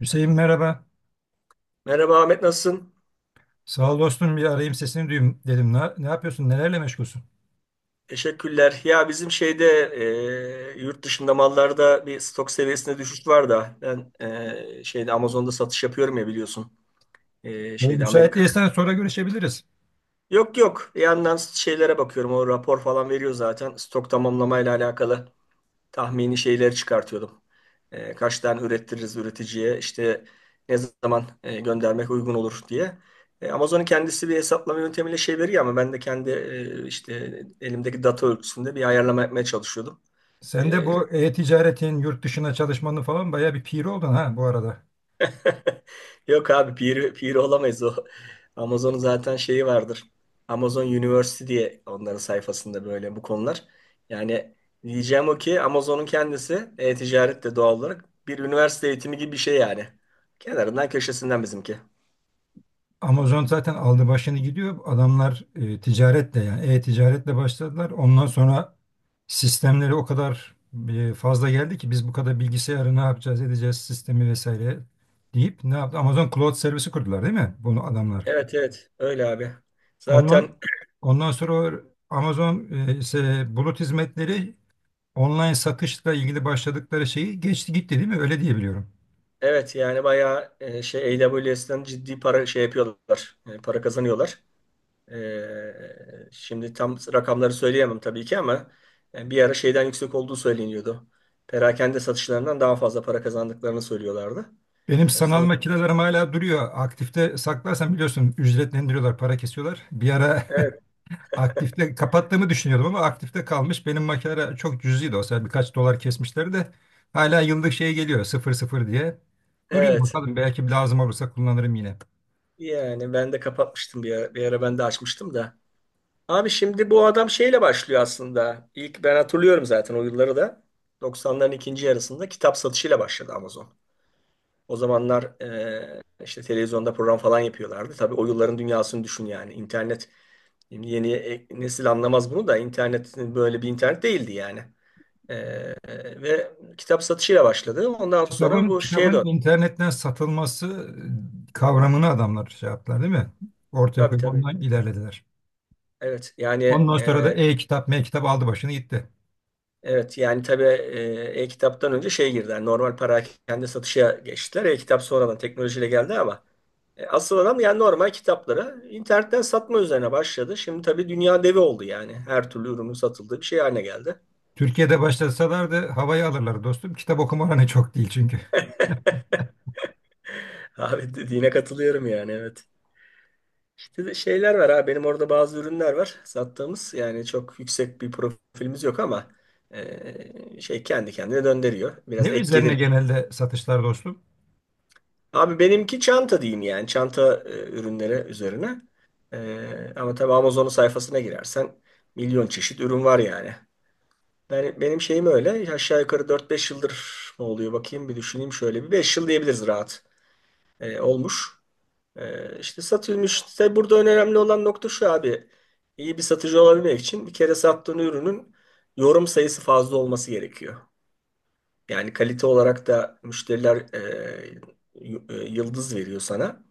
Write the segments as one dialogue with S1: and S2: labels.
S1: Hüseyin merhaba.
S2: Merhaba Ahmet, nasılsın?
S1: Sağ ol dostum bir arayayım sesini duyayım dedim. Ne yapıyorsun? Nelerle meşgulsün?
S2: Teşekkürler. Ya bizim şeyde yurt dışında mallarda bir stok seviyesinde düşüş var da ben şeyde Amazon'da satış yapıyorum ya, biliyorsun.
S1: Böyle
S2: Şeyde
S1: müsait
S2: Amerika.
S1: değilsen sonra görüşebiliriz.
S2: Yok yok. Bir yandan şeylere bakıyorum. O rapor falan veriyor zaten. Stok tamamlamayla alakalı. Tahmini şeyleri çıkartıyordum. Kaç tane ürettiririz üreticiye, işte ne zaman göndermek uygun olur diye. Amazon'un kendisi bir hesaplama yöntemiyle şey veriyor, ama ben de kendi işte elimdeki data ölçüsünde bir ayarlama yapmaya çalışıyordum.
S1: Sen de
S2: E,
S1: bu e-ticaretin yurt dışına çalışmanın falan bayağı bir piri oldun ha bu arada.
S2: Yok abi, pir olamayız o. Amazon'un zaten şeyi vardır. Amazon University diye onların sayfasında böyle bu konular. Yani diyeceğim o ki, Amazon'un kendisi e-ticaret de doğal olarak bir üniversite eğitimi gibi bir şey yani. Kenarından köşesinden bizimki.
S1: Amazon zaten aldı başını gidiyor. Adamlar ticaretle yani e-ticaretle başladılar. Ondan sonra sistemleri o kadar fazla geldi ki biz bu kadar bilgisayarı ne yapacağız edeceğiz sistemi vesaire deyip ne yaptı? Amazon Cloud servisi kurdular değil mi? Bunu adamlar.
S2: Evet evet, öyle abi.
S1: Ondan
S2: Zaten
S1: ondan sonra o Amazon ise bulut hizmetleri online satışla ilgili başladıkları şeyi geçti gitti değil mi? Öyle diye biliyorum.
S2: evet yani bayağı şey, AWS'den ciddi para şey yapıyorlar. Para kazanıyorlar. Şimdi tam rakamları söyleyemem tabii ki, ama yani bir ara şeyden yüksek olduğu söyleniyordu. Perakende satışlarından daha fazla para kazandıklarını söylüyorlardı.
S1: Benim
S2: Yani
S1: sanal
S2: son
S1: makinelerim hala duruyor. Aktifte saklarsam biliyorsun ücretlendiriyorlar, para kesiyorlar. Bir ara
S2: evet,
S1: aktifte kapattığımı düşünüyordum ama aktifte kalmış. Benim makineler çok cüzdi olsa yani birkaç dolar kesmişler de hala yıllık şey geliyor sıfır sıfır diye. Duruyor
S2: evet
S1: bakalım belki lazım olursa kullanırım yine.
S2: yani ben de kapatmıştım bir ara, ben de açmıştım da. Abi, şimdi bu adam şeyle başlıyor aslında. İlk ben hatırlıyorum zaten o yılları da. 90'ların ikinci yarısında kitap satışıyla başladı Amazon. O zamanlar işte televizyonda program falan yapıyorlardı. Tabii o yılların dünyasını düşün yani. İnternet. Şimdi yeni nesil anlamaz bunu da, internet böyle bir internet değildi yani. Ee, Ve kitap satışıyla başladı. Ondan sonra
S1: Kitabın
S2: bu şeye
S1: kitabın
S2: döndü.
S1: internetten satılması kavramını adamlar şey yaptılar değil mi? Ortaya
S2: Tabii
S1: koyup
S2: tabii.
S1: ondan ilerlediler.
S2: Evet yani
S1: Ondan sonra da
S2: e,
S1: e-kitap, m-kitap aldı başını gitti.
S2: evet yani tabii e-kitaptan önce şey girdi. Yani normal perakende satışa geçtiler. E-kitap sonradan teknolojiyle geldi, ama asıl adam yani normal kitapları internetten satma üzerine başladı. Şimdi tabii dünya devi oldu yani. Her türlü ürünün satıldığı bir şey haline geldi.
S1: Türkiye'de başlasalardı havayı alırlar dostum. Kitap okuma oranı çok değil çünkü.
S2: Abi, dediğine katılıyorum yani, evet. İşte de şeyler var ha. Benim orada bazı ürünler var sattığımız. Yani çok yüksek bir profilimiz yok, ama şey, kendi kendine döndürüyor.
S1: Ne
S2: Biraz ek
S1: üzerine
S2: gelir.
S1: genelde satışlar dostum?
S2: Abi, benimki çanta diyeyim yani. Çanta ürünleri üzerine. Ama tabii Amazon'un sayfasına girersen milyon çeşit ürün var yani. Yani benim şeyim öyle. Aşağı yukarı dört beş yıldır mı oluyor, bakayım bir düşüneyim şöyle. Bir 5 yıl diyebiliriz rahat. Olmuş. İşte satılmış. Tabii burada önemli olan nokta şu abi. İyi bir satıcı olabilmek için bir kere sattığın ürünün yorum sayısı fazla olması gerekiyor. Yani kalite olarak da müşteriler yıldız veriyor sana.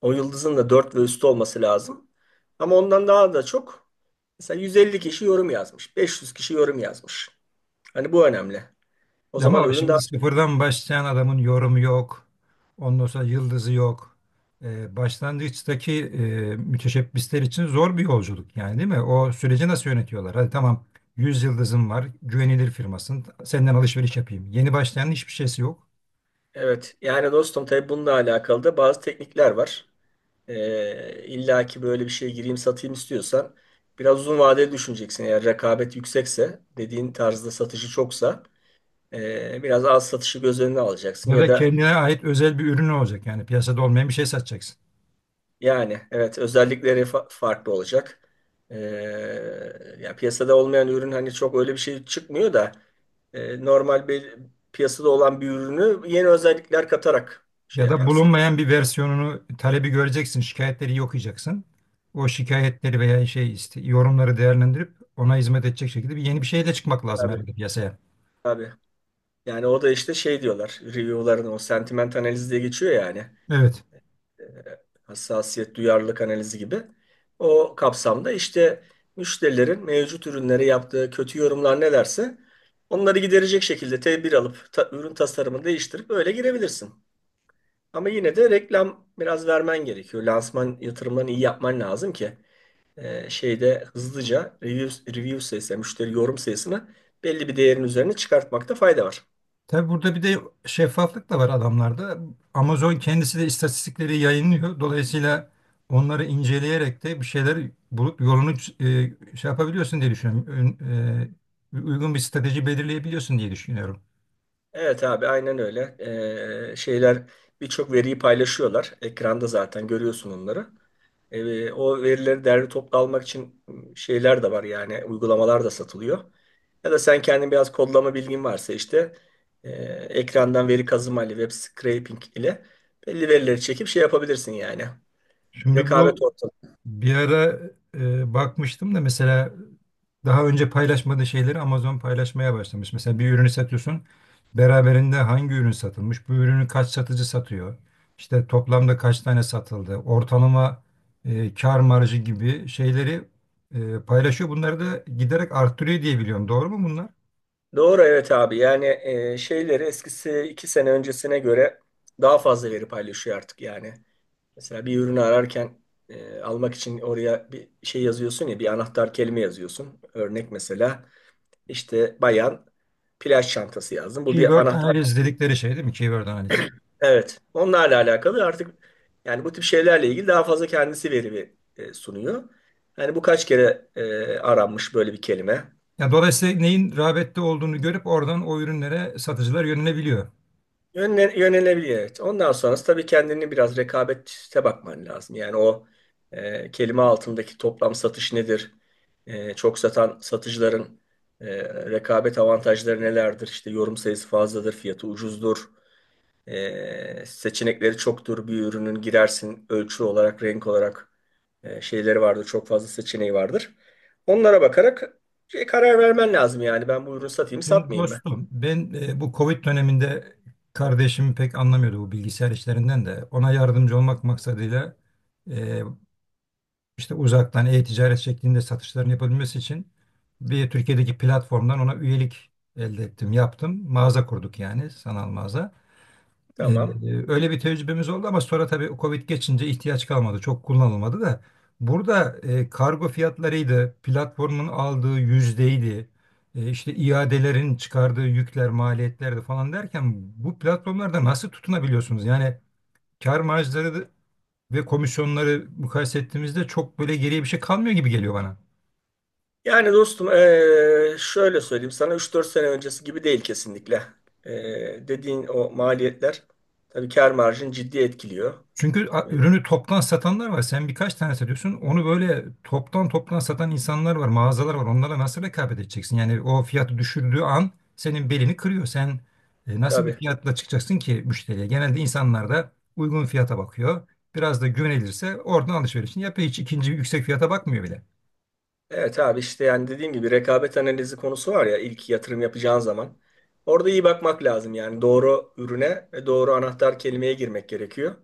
S2: O yıldızın da 4 ve üstü olması lazım. Ama ondan daha da çok, mesela 150 kişi yorum yazmış. 500 kişi yorum yazmış. Hani bu önemli. O zaman
S1: Ama
S2: ürün daha.
S1: şimdi sıfırdan başlayan adamın yorumu yok. Ondan sonra yıldızı yok. Başlangıçtaki müteşebbisler için zor bir yolculuk yani değil mi? O süreci nasıl yönetiyorlar? Hadi tamam 100 yıldızım var, güvenilir firmasın, senden alışveriş yapayım. Yeni başlayanın hiçbir şeysi yok.
S2: Evet yani dostum, tabii bununla alakalı da bazı teknikler var. İlla ki böyle bir şeye gireyim satayım istiyorsan biraz uzun vadeli düşüneceksin. Eğer rekabet yüksekse, dediğin tarzda satışı çoksa biraz az satışı göz önüne alacaksın.
S1: Ya
S2: Ya
S1: da
S2: da
S1: kendine ait özel bir ürün olacak yani piyasada olmayan bir şey satacaksın.
S2: yani evet, özellikleri farklı olacak. Ee, Ya piyasada olmayan ürün hani çok öyle bir şey çıkmıyor da normal bir piyasada olan bir ürünü yeni özellikler katarak şey
S1: Ya da
S2: yaparsın.
S1: bulunmayan bir versiyonunu talebi göreceksin, şikayetleri iyi okuyacaksın. O şikayetleri veya şey işte yorumları değerlendirip ona hizmet edecek şekilde bir yeni bir şeyle çıkmak lazım
S2: Tabii
S1: herhalde piyasaya.
S2: tabii. Yani o da işte, şey diyorlar, review'ların o sentiment analizi diye geçiyor yani.
S1: Evet.
S2: Ee, Hassasiyet, duyarlılık analizi gibi. O kapsamda işte müşterilerin mevcut ürünlere yaptığı kötü yorumlar nelerse onları giderecek şekilde tedbir alıp ürün tasarımını değiştirip öyle girebilirsin. Ama yine de reklam biraz vermen gerekiyor. Lansman yatırımlarını iyi yapman lazım ki şeyde hızlıca review sayısı, yani müşteri yorum sayısını belli bir değerin üzerine çıkartmakta fayda var.
S1: Tabi burada bir de şeffaflık da var adamlarda. Amazon kendisi de istatistikleri yayınlıyor. Dolayısıyla onları inceleyerek de bir şeyler bulup yolunu şey yapabiliyorsun diye düşünüyorum. Uygun bir strateji belirleyebiliyorsun diye düşünüyorum.
S2: Evet abi, aynen öyle. Şeyler, birçok veriyi paylaşıyorlar. Ekranda zaten görüyorsun onları. O verileri derli toplu almak için şeyler de var yani, uygulamalar da satılıyor. Ya da sen kendin biraz kodlama bilgin varsa işte e, ekrandan veri kazıma ile, web scraping ile belli verileri çekip şey yapabilirsin yani.
S1: Şimdi
S2: Rekabet
S1: bu
S2: ortamı.
S1: bir ara bakmıştım da mesela daha önce paylaşmadığı şeyleri Amazon paylaşmaya başlamış. Mesela bir ürünü satıyorsun. Beraberinde hangi ürün satılmış? Bu ürünü kaç satıcı satıyor? İşte toplamda kaç tane satıldı? Ortalama kar marjı gibi şeyleri paylaşıyor. Bunları da giderek arttırıyor diye biliyorum. Doğru mu bunlar?
S2: Doğru evet abi, yani şeyleri, eskisi 2 sene öncesine göre daha fazla veri paylaşıyor artık yani. Mesela bir ürünü ararken almak için oraya bir şey yazıyorsun ya, bir anahtar kelime yazıyorsun. Örnek mesela işte, bayan plaj çantası yazdım. Bu bir
S1: Keyword, evet,
S2: anahtar.
S1: analiz dedikleri şey değil mi? Keyword analiz.
S2: Evet. Onlarla alakalı artık yani, bu tip şeylerle ilgili daha fazla kendisi veri sunuyor. Yani bu kaç kere aranmış böyle bir kelime?
S1: Ya dolayısıyla neyin rağbette olduğunu görüp oradan o ürünlere satıcılar yönelebiliyor.
S2: Yönelebilir, evet. Ondan sonrası tabii, kendini biraz rekabete bakman lazım. Yani o kelime altındaki toplam satış nedir? Çok satan satıcıların e, rekabet avantajları nelerdir? İşte yorum sayısı fazladır, fiyatı ucuzdur. Seçenekleri çoktur. Bir ürünün girersin, ölçü olarak, renk olarak şeyleri vardır. Çok fazla seçeneği vardır. Onlara bakarak şey, karar vermen lazım yani. Ben bu ürünü satayım,
S1: Şimdi
S2: satmayayım mı?
S1: dostum ben bu Covid döneminde kardeşim pek anlamıyordu bu bilgisayar işlerinden de. Ona yardımcı olmak maksadıyla e, işte uzaktan e-ticaret şeklinde satışların yapabilmesi için bir Türkiye'deki platformdan ona üyelik elde ettim, yaptım. Mağaza kurduk yani sanal mağaza. Ee,
S2: Tamam.
S1: Öyle bir tecrübemiz oldu ama sonra tabii Covid geçince ihtiyaç kalmadı. Çok kullanılmadı da. Burada kargo fiyatlarıydı, platformun aldığı yüzdeydi, işte iadelerin çıkardığı yükler, maliyetlerdi falan derken bu platformlarda nasıl tutunabiliyorsunuz? Yani kar marjları ve komisyonları mukayese ettiğimizde çok böyle geriye bir şey kalmıyor gibi geliyor bana.
S2: Yani dostum şöyle söyleyeyim sana, üç dört sene öncesi gibi değil kesinlikle. Dediğin o maliyetler tabii kar marjını ciddi etkiliyor.
S1: Çünkü
S2: Ve.
S1: ürünü toptan satanlar var. Sen birkaç tane satıyorsun. Onu böyle toptan toptan satan insanlar var, mağazalar var. Onlara nasıl rekabet edeceksin? Yani o fiyatı düşürdüğü an senin belini kırıyor. Sen nasıl bir
S2: Tabii.
S1: fiyatla çıkacaksın ki müşteriye? Genelde insanlar da uygun fiyata bakıyor. Biraz da güvenilirse oradan alışverişini yapıyor. Hiç ikinci yüksek fiyata bakmıyor bile.
S2: Evet abi, işte yani dediğim gibi rekabet analizi konusu var ya, ilk yatırım yapacağın zaman. Orada iyi bakmak lazım yani, doğru ürüne ve doğru anahtar kelimeye girmek gerekiyor.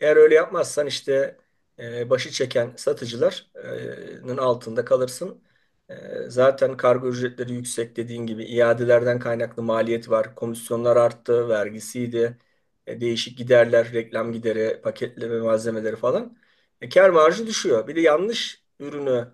S2: Eğer öyle yapmazsan işte başı çeken satıcıların altında kalırsın. E, Zaten kargo ücretleri yüksek dediğin gibi, iadelerden kaynaklı maliyet var. Komisyonlar arttı, vergisiydi, değişik giderler, reklam gideri, paketleme malzemeleri falan. Kâr marjı düşüyor. Bir de yanlış ürünü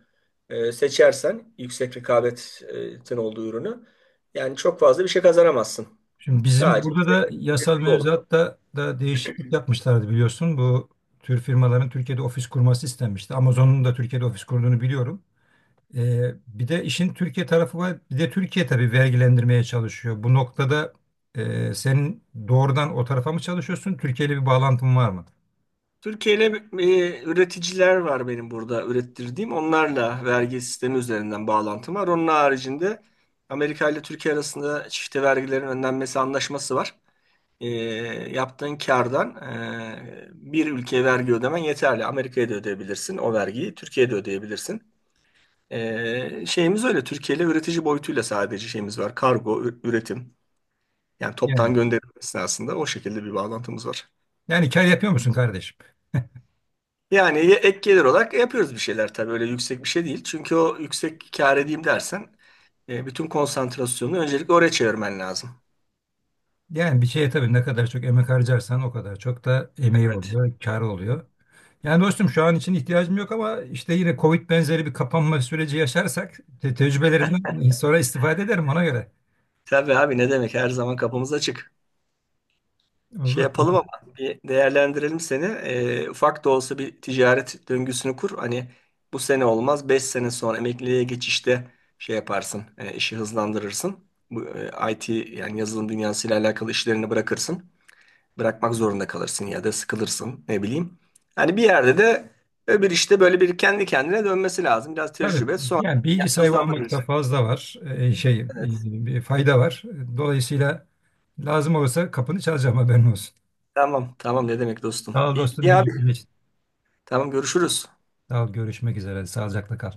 S2: seçersen, yüksek rekabetin olduğu ürünü, yani çok fazla bir şey kazanamazsın.
S1: Şimdi bizim
S2: Sadece bir
S1: burada
S2: tek
S1: da yasal
S2: bir yol.
S1: mevzuatta da değişiklik yapmışlardı biliyorsun. Bu tür firmaların Türkiye'de ofis kurması istenmişti. Amazon'un da Türkiye'de ofis kurduğunu biliyorum. Bir de işin Türkiye tarafı var. Bir de Türkiye tabii vergilendirmeye çalışıyor. Bu noktada senin doğrudan o tarafa mı çalışıyorsun? Türkiye ile bir bağlantın var mı?
S2: Türkiye'yle üreticiler var benim burada ürettirdiğim. Onlarla vergi sistemi üzerinden bağlantım var. Onun haricinde Amerika ile Türkiye arasında çifte vergilerin önlenmesi anlaşması var. E, Yaptığın kardan bir ülkeye vergi ödemen yeterli. Amerika'ya da ödeyebilirsin o vergiyi, Türkiye'ye de ödeyebilirsin. Şeyimiz öyle. Türkiye ile üretici boyutuyla sadece şeyimiz var. Kargo, üretim. Yani
S1: Yani,
S2: toptan gönderim esnasında o şekilde bir bağlantımız var.
S1: yani kar yapıyor musun kardeşim?
S2: Yani ek gelir olarak yapıyoruz bir şeyler, tabii öyle yüksek bir şey değil. Çünkü o yüksek kâr edeyim dersen bütün konsantrasyonunu öncelikle oraya çevirmen lazım.
S1: Yani bir şeye tabii ne kadar çok emek harcarsan o kadar çok da emeği
S2: Evet.
S1: oluyor, karı oluyor. Yani dostum şu an için ihtiyacım yok ama işte yine Covid benzeri bir kapanma süreci yaşarsak te tecrübelerimden sonra istifade ederim ona göre.
S2: Tabii abi, ne demek, her zaman kapımız açık. Şey
S1: Oldu.
S2: yapalım ama, bir değerlendirelim seni. Ufak da olsa bir ticaret döngüsünü kur. Hani bu sene olmaz, 5 sene sonra emekliliğe geçişte şey yaparsın, işi hızlandırırsın. Bu IT yani yazılım dünyasıyla alakalı işlerini bırakırsın. Bırakmak zorunda kalırsın ya da sıkılırsın, ne bileyim. Hani bir yerde de öbür işte böyle bir kendi kendine dönmesi lazım. Biraz
S1: Tabii
S2: tecrübe sonra
S1: yani bilgi sahibi olmakta
S2: hızlandırırız.
S1: fazla var
S2: Evet,
S1: bir fayda var. Dolayısıyla lazım olursa kapını çalacağım haberin olsun.
S2: tamam tamam, ne demek dostum.
S1: Sağ ol
S2: İyi,
S1: dostum
S2: iyi abi,
S1: bilgi için.
S2: tamam, görüşürüz.
S1: Sağ ol görüşmek üzere. Sağlıcakla kal.